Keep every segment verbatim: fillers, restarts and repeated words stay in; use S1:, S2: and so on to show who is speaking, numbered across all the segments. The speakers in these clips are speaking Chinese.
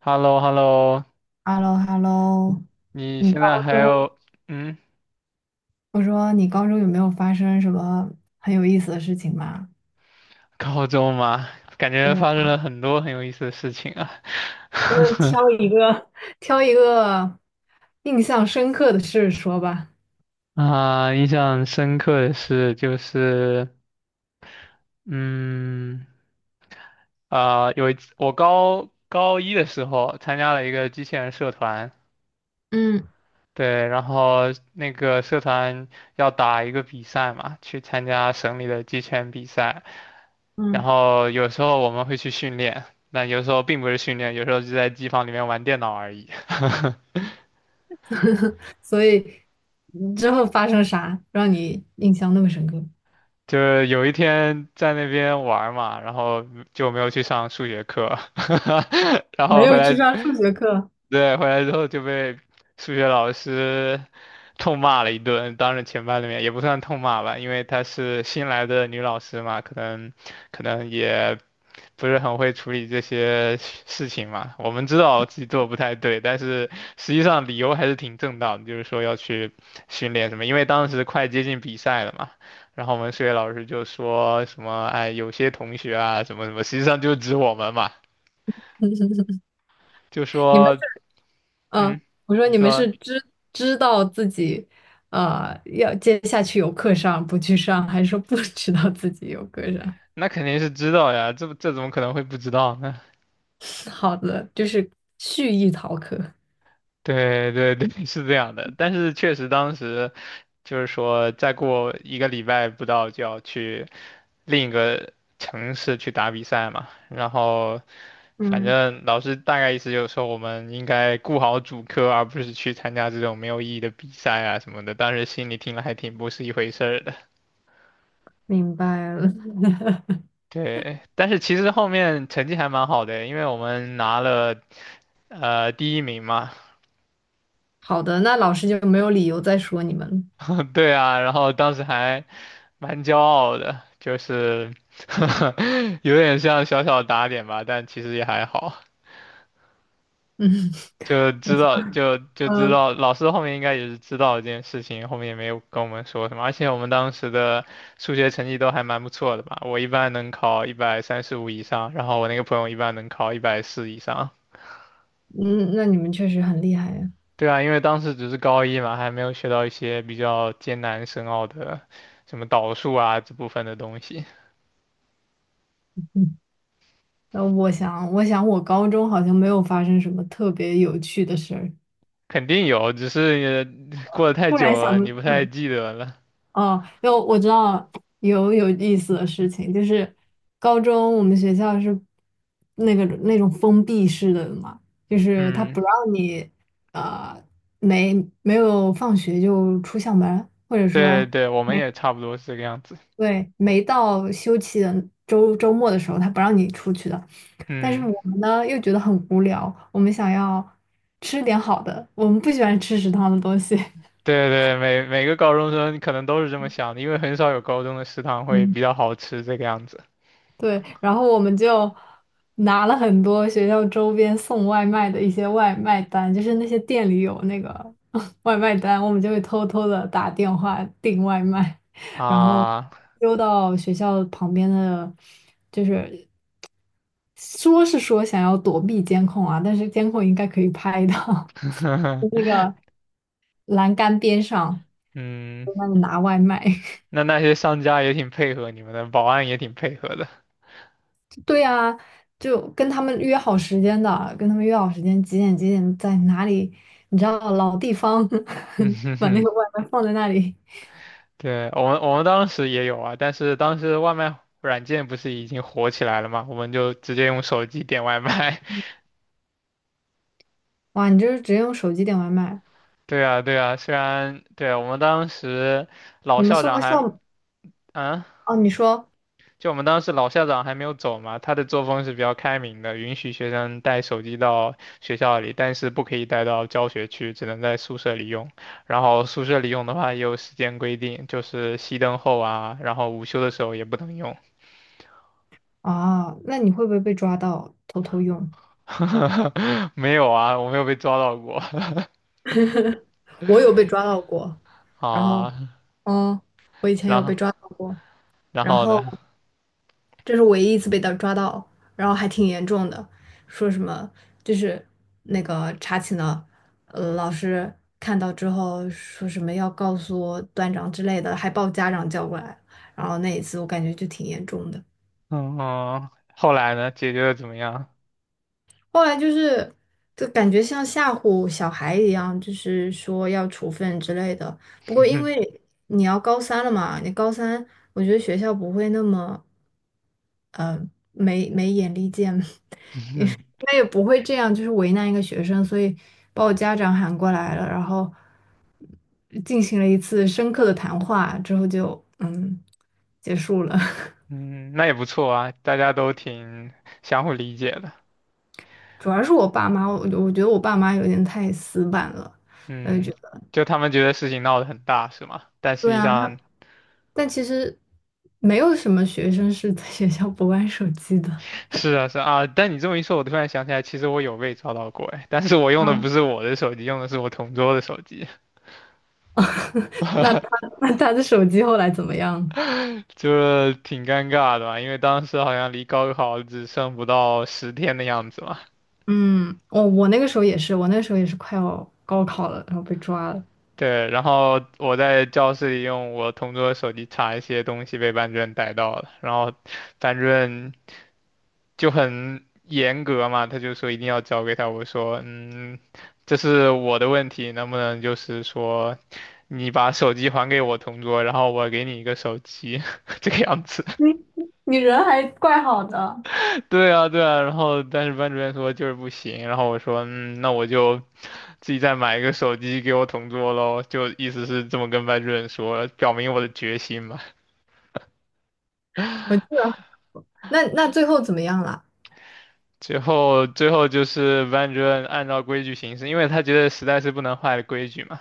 S1: h e l l o h e l l o
S2: h e l l o h e l l o
S1: 你
S2: 你
S1: 现
S2: 高
S1: 在还
S2: 中，
S1: 有嗯
S2: 我说你高中有没有发生什么很有意思的事情吗？
S1: 高中吗？感
S2: 对
S1: 觉
S2: 呀，
S1: 发生了很多很有意思的事情啊。
S2: 就是 挑一个，挑一个印象深刻的事说吧。
S1: 啊，印象深刻的是就是嗯啊、有一次我高高一的时候参加了一个机器人社团。
S2: 嗯
S1: 对，然后那个社团要打一个比赛嘛，去参加省里的机器人比赛。然
S2: 嗯，
S1: 后有时候我们会去训练，那有时候并不是训练，有时候就在机房里面玩电脑而已。
S2: 所以之后发生啥让你印象那么深刻？
S1: 就是有一天在那边玩儿嘛，然后就没有去上数学课。然
S2: 没
S1: 后回
S2: 有去
S1: 来，
S2: 上数学课。
S1: 对，回来之后就被数学老师痛骂了一顿，当着全班的面也不算痛骂吧，因为她是新来的女老师嘛，可能可能也不是很会处理这些事情嘛。我们知道自己做得不太对，但是实际上理由还是挺正当的，就是说要去训练什么，因为当时快接近比赛了嘛。然后我们数学老师就说什么，哎，有些同学啊，什么什么，实际上就指我们嘛，就
S2: 你们，
S1: 说，嗯，
S2: 啊，我说
S1: 你
S2: 你们
S1: 说。
S2: 是知知道自己，呃，要接下去有课上不去上，还是说不知道自己有课上？
S1: 那肯定是知道呀，这这怎么可能会不知道呢？
S2: 好的，就是蓄意逃课。
S1: 对对对，是这样的。但是确实当时就是说，再过一个礼拜不到就要去另一个城市去打比赛嘛。然后，反
S2: 嗯，
S1: 正老师大概意思就是说，我们应该顾好主科，而不是去参加这种没有意义的比赛啊什么的。当时心里听了还挺不是一回事儿的。
S2: 明白了。
S1: 对，但是其实后面成绩还蛮好的，因为我们拿了呃第一名嘛。
S2: 好的，那老师就没有理由再说你们了。
S1: 对啊，然后当时还蛮骄傲的，就是 有点像小小打点吧，但其实也还好，
S2: 嗯，
S1: 就
S2: 我
S1: 知
S2: 想。
S1: 道就就知
S2: 嗯
S1: 道老师后面应该也是知道这件事情，后面也没有跟我们说什么，而且我们当时的数学成绩都还蛮不错的吧，我一般能考一百三十五以上，然后我那个朋友一般能考一百四以上。
S2: 嗯，那你们确实很厉害呀。
S1: 对啊，因为当时只是高一嘛，还没有学到一些比较艰难深奥的什么导数啊这部分的东西。
S2: 嗯，那我想，我想我高中好像没有发生什么特别有趣的事儿。
S1: 肯定有，只是你过得太
S2: 突然
S1: 久
S2: 想，
S1: 了，你不太记得了。
S2: 哦，有，我知道有有意思的事情，就是高中我们学校是那个那种封闭式的嘛，就是他
S1: 嗯，
S2: 不让你，呃没没有放学就出校门，或者
S1: 对
S2: 说，
S1: 对，我们
S2: 没
S1: 也差不多是这个样子。
S2: 对没到休息的周周末的时候，他不让你出去的。但是
S1: 嗯，
S2: 我们呢又觉得很无聊，我们想要吃点好的，我们不喜欢吃食堂的东西。
S1: 对对，每每个高中生可能都是这么想的，因为很少有高中的食堂会
S2: 嗯。
S1: 比较好吃这个样子
S2: 对，然后我们就拿了很多学校周边送外卖的一些外卖单，就是那些店里有那个 外卖单，我们就会偷偷的打电话订外卖，然后
S1: 啊。
S2: 溜到学校旁边的，就是说是说想要躲避监控啊，但是监控应该可以拍到 那 个栏杆边上，
S1: 嗯，
S2: 在那里拿外卖。
S1: 那那些商家也挺配合你们的，保安也挺配合的。
S2: 对呀，就跟他们约好时间的，跟他们约好时间几点几点在哪里，你知道老地方
S1: 嗯哼
S2: 把那
S1: 哼，
S2: 个外卖放在那里。
S1: 对，我们我们当时也有啊，但是当时外卖软件不是已经火起来了嘛，我们就直接用手机点外卖。
S2: 哇，你就是直接用手机点外卖？
S1: 对啊，对啊，虽然对啊，我们当时老
S2: 你们
S1: 校
S2: 送
S1: 长
S2: 到
S1: 还，
S2: 校。
S1: 嗯，
S2: 哦？你说，
S1: 就我们当时老校长还没有走嘛，他的作风是比较开明的，允许学生带手机到学校里，但是不可以带到教学区，只能在宿舍里用。然后宿舍里用的话也有时间规定，就是熄灯后啊，然后午休的时候也不能用。
S2: 啊，那你会不会被抓到偷偷用？
S1: 没有啊，我没有被抓到过
S2: 我有被抓到过，然后，
S1: 啊。
S2: 嗯，我以前
S1: 然
S2: 有
S1: 后，
S2: 被抓到过，
S1: 然
S2: 然
S1: 后
S2: 后，
S1: 呢？
S2: 这是唯一一次被他抓到，然后还挺严重的，说什么，就是那个查寝的，呃，老师看到之后说什么要告诉段长之类的，还把我家长叫过来，然后那一次我感觉就挺严重的。
S1: 嗯，后来呢？解决的怎么样？
S2: 后来就是，就感觉像吓唬小孩一样，就是说要处分之类的。不过因 为你要高三了嘛，你高三我觉得学校不会那么，呃没没眼力见。他也不会这样，就是为难一个学生，所以把我家长喊过来了，然后进行了一次深刻的谈话，之后就嗯结束了。
S1: 嗯，那也不错啊，大家都挺相互理解的。
S2: 主要是我爸妈，我我觉得我爸妈有点太死板了，呃，
S1: 嗯，
S2: 觉得，
S1: 就他们觉得事情闹得很大，是吗？但实
S2: 对
S1: 际
S2: 啊，他，
S1: 上
S2: 但其实没有什么学生是在学校不玩手机的。
S1: 是啊是啊。啊但你这么一说，我突然想起来，其实我有被抓到过，哎，但是我用的不
S2: 嗯，
S1: 是我的手机，用的是我同桌的手机，
S2: 那他，那他的手机后来怎么样？
S1: 就挺尴尬的吧？因为当时好像离高考只剩不到十天的样子嘛。
S2: 嗯，我我那个时候也是，我那个时候也是快要高考了，然后被抓了。
S1: 对，然后我在教室里用我同桌的手机查一些东西，被班主任逮到了，然后班主任就很严格嘛，他就说一定要交给他。我说，嗯，这是我的问题，能不能就是说，你把手机还给我同桌，然后我给你一个手机，这个样子。
S2: 你，你人还怪好的，
S1: 对啊，对啊。然后但是班主任说就是不行，然后我说，嗯，那我就自己再买一个手机给我同桌喽，就意思是这么跟班主任说，表明我的决心嘛。
S2: 我记得，那那最后怎么样了？
S1: 最后，最后就是班主任按照规矩行事，因为他觉得实在是不能坏了规矩嘛。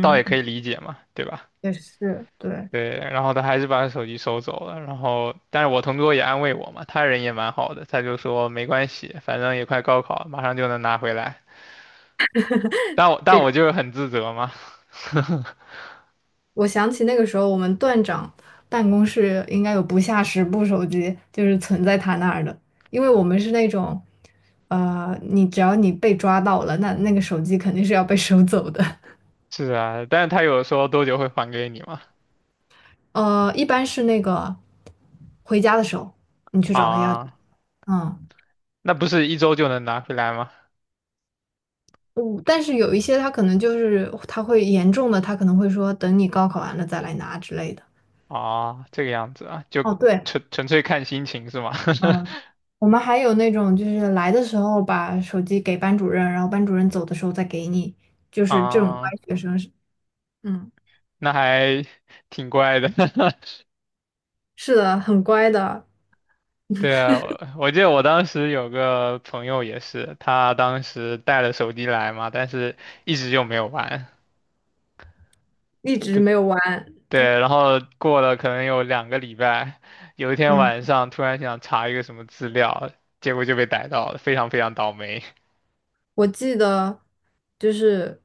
S1: 倒也可以理解嘛，对吧？
S2: 也是，对，
S1: 对，然后他还是把手机收走了，然后但是我同桌也安慰我嘛，他人也蛮好的，他就说没关系，反正也快高考了马上就能拿回来。但我但
S2: 这，
S1: 我就是很自责嘛。
S2: 我想起那个时候我们段长办公室应该有不下十部手机，就是存在他那儿的，因为我们是那种，呃，你只要你被抓到了，那那个手机肯定是要被收走的。
S1: 是啊，但是他有说多久会还给你嘛？
S2: 呃，一般是那个回家的时候你去找他要，
S1: 啊，
S2: 嗯。
S1: 那不是一周就能拿回来吗？
S2: 嗯，但是有一些他可能就是他会严重的，他可能会说等你高考完了再来拿之类的。
S1: 啊，这个样子啊，就
S2: 哦，对，
S1: 纯纯粹看心情是吗？
S2: 嗯，我们还有那种就是来的时候把手机给班主任，然后班主任走的时候再给你，就 是这种乖
S1: 啊，
S2: 学生，是，嗯，
S1: 那还挺怪的。
S2: 是的，很乖的，
S1: 对啊，我我记得我当时有个朋友也是，他当时带了手机来嘛，但是一直就没有玩。
S2: 一直
S1: 对
S2: 没有玩。
S1: 对，然后过了可能有两个礼拜，有一天
S2: 嗯，
S1: 晚上突然想查一个什么资料，结果就被逮到了，非常非常倒霉。
S2: 我记得，就是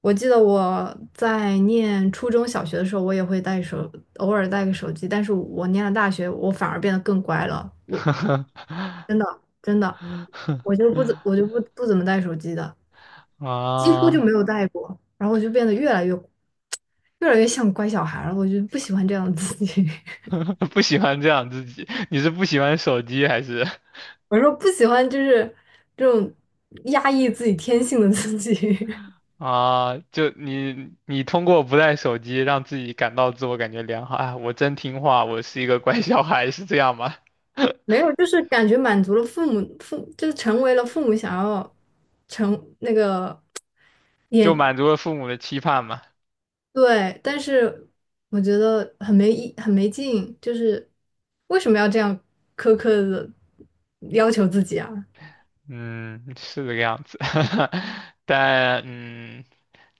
S2: 我记得我在念初中小学的时候，我也会带手，偶尔带个手机。但是我念了大学，我反而变得更乖了。我 真的真的，我就不怎我就不不怎么带手机的，几乎就
S1: 啊，
S2: 没有带过，然后我就变得越来越越来越像乖小孩了，我就不喜欢这样的自己，
S1: 不喜欢这样自己，你是不喜欢手机还是？
S2: 我说不喜欢就是这种压抑自己天性的自己，
S1: 啊，就你你通过不带手机让自己感到自我感觉良好，啊，我真听话，我是一个乖小孩，是这样吗？
S2: 没有，就是感觉满足了父母父就是成为了父母想要成那个
S1: 就
S2: 眼，
S1: 满足了父母的期盼嘛。
S2: 对，但是我觉得很没意，很没劲，就是为什么要这样苛刻的要求自己啊？
S1: 嗯，是这个样子。但嗯，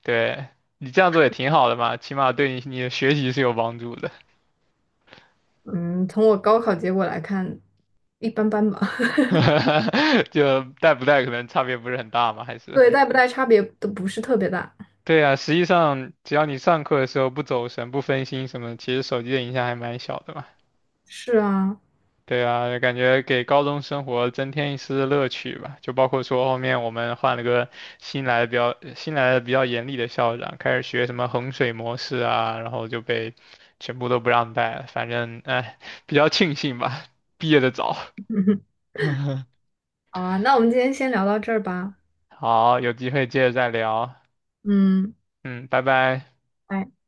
S1: 对你这样做也挺好的嘛，起码对你你的学习是有帮助的。
S2: 嗯，从我高考结果来看，一般般吧。
S1: 就带不带可能差别不是很大嘛，还是。
S2: 对，带不带差别都不是特别大。
S1: 对啊，实际上只要你上课的时候不走神、不分心什么的其实手机的影响还蛮小的嘛。
S2: 是啊，
S1: 对啊，感觉给高中生活增添一丝乐趣吧。就包括说后面我们换了个新来的比较新来的比较严厉的校长，开始学什么衡水模式啊，然后就被全部都不让带了。反正哎，比较庆幸吧，毕业的早。
S2: 好啊，那我们今天先聊到这儿吧。
S1: 好，有机会接着再聊。
S2: 嗯。
S1: 嗯，拜拜。
S2: 拜。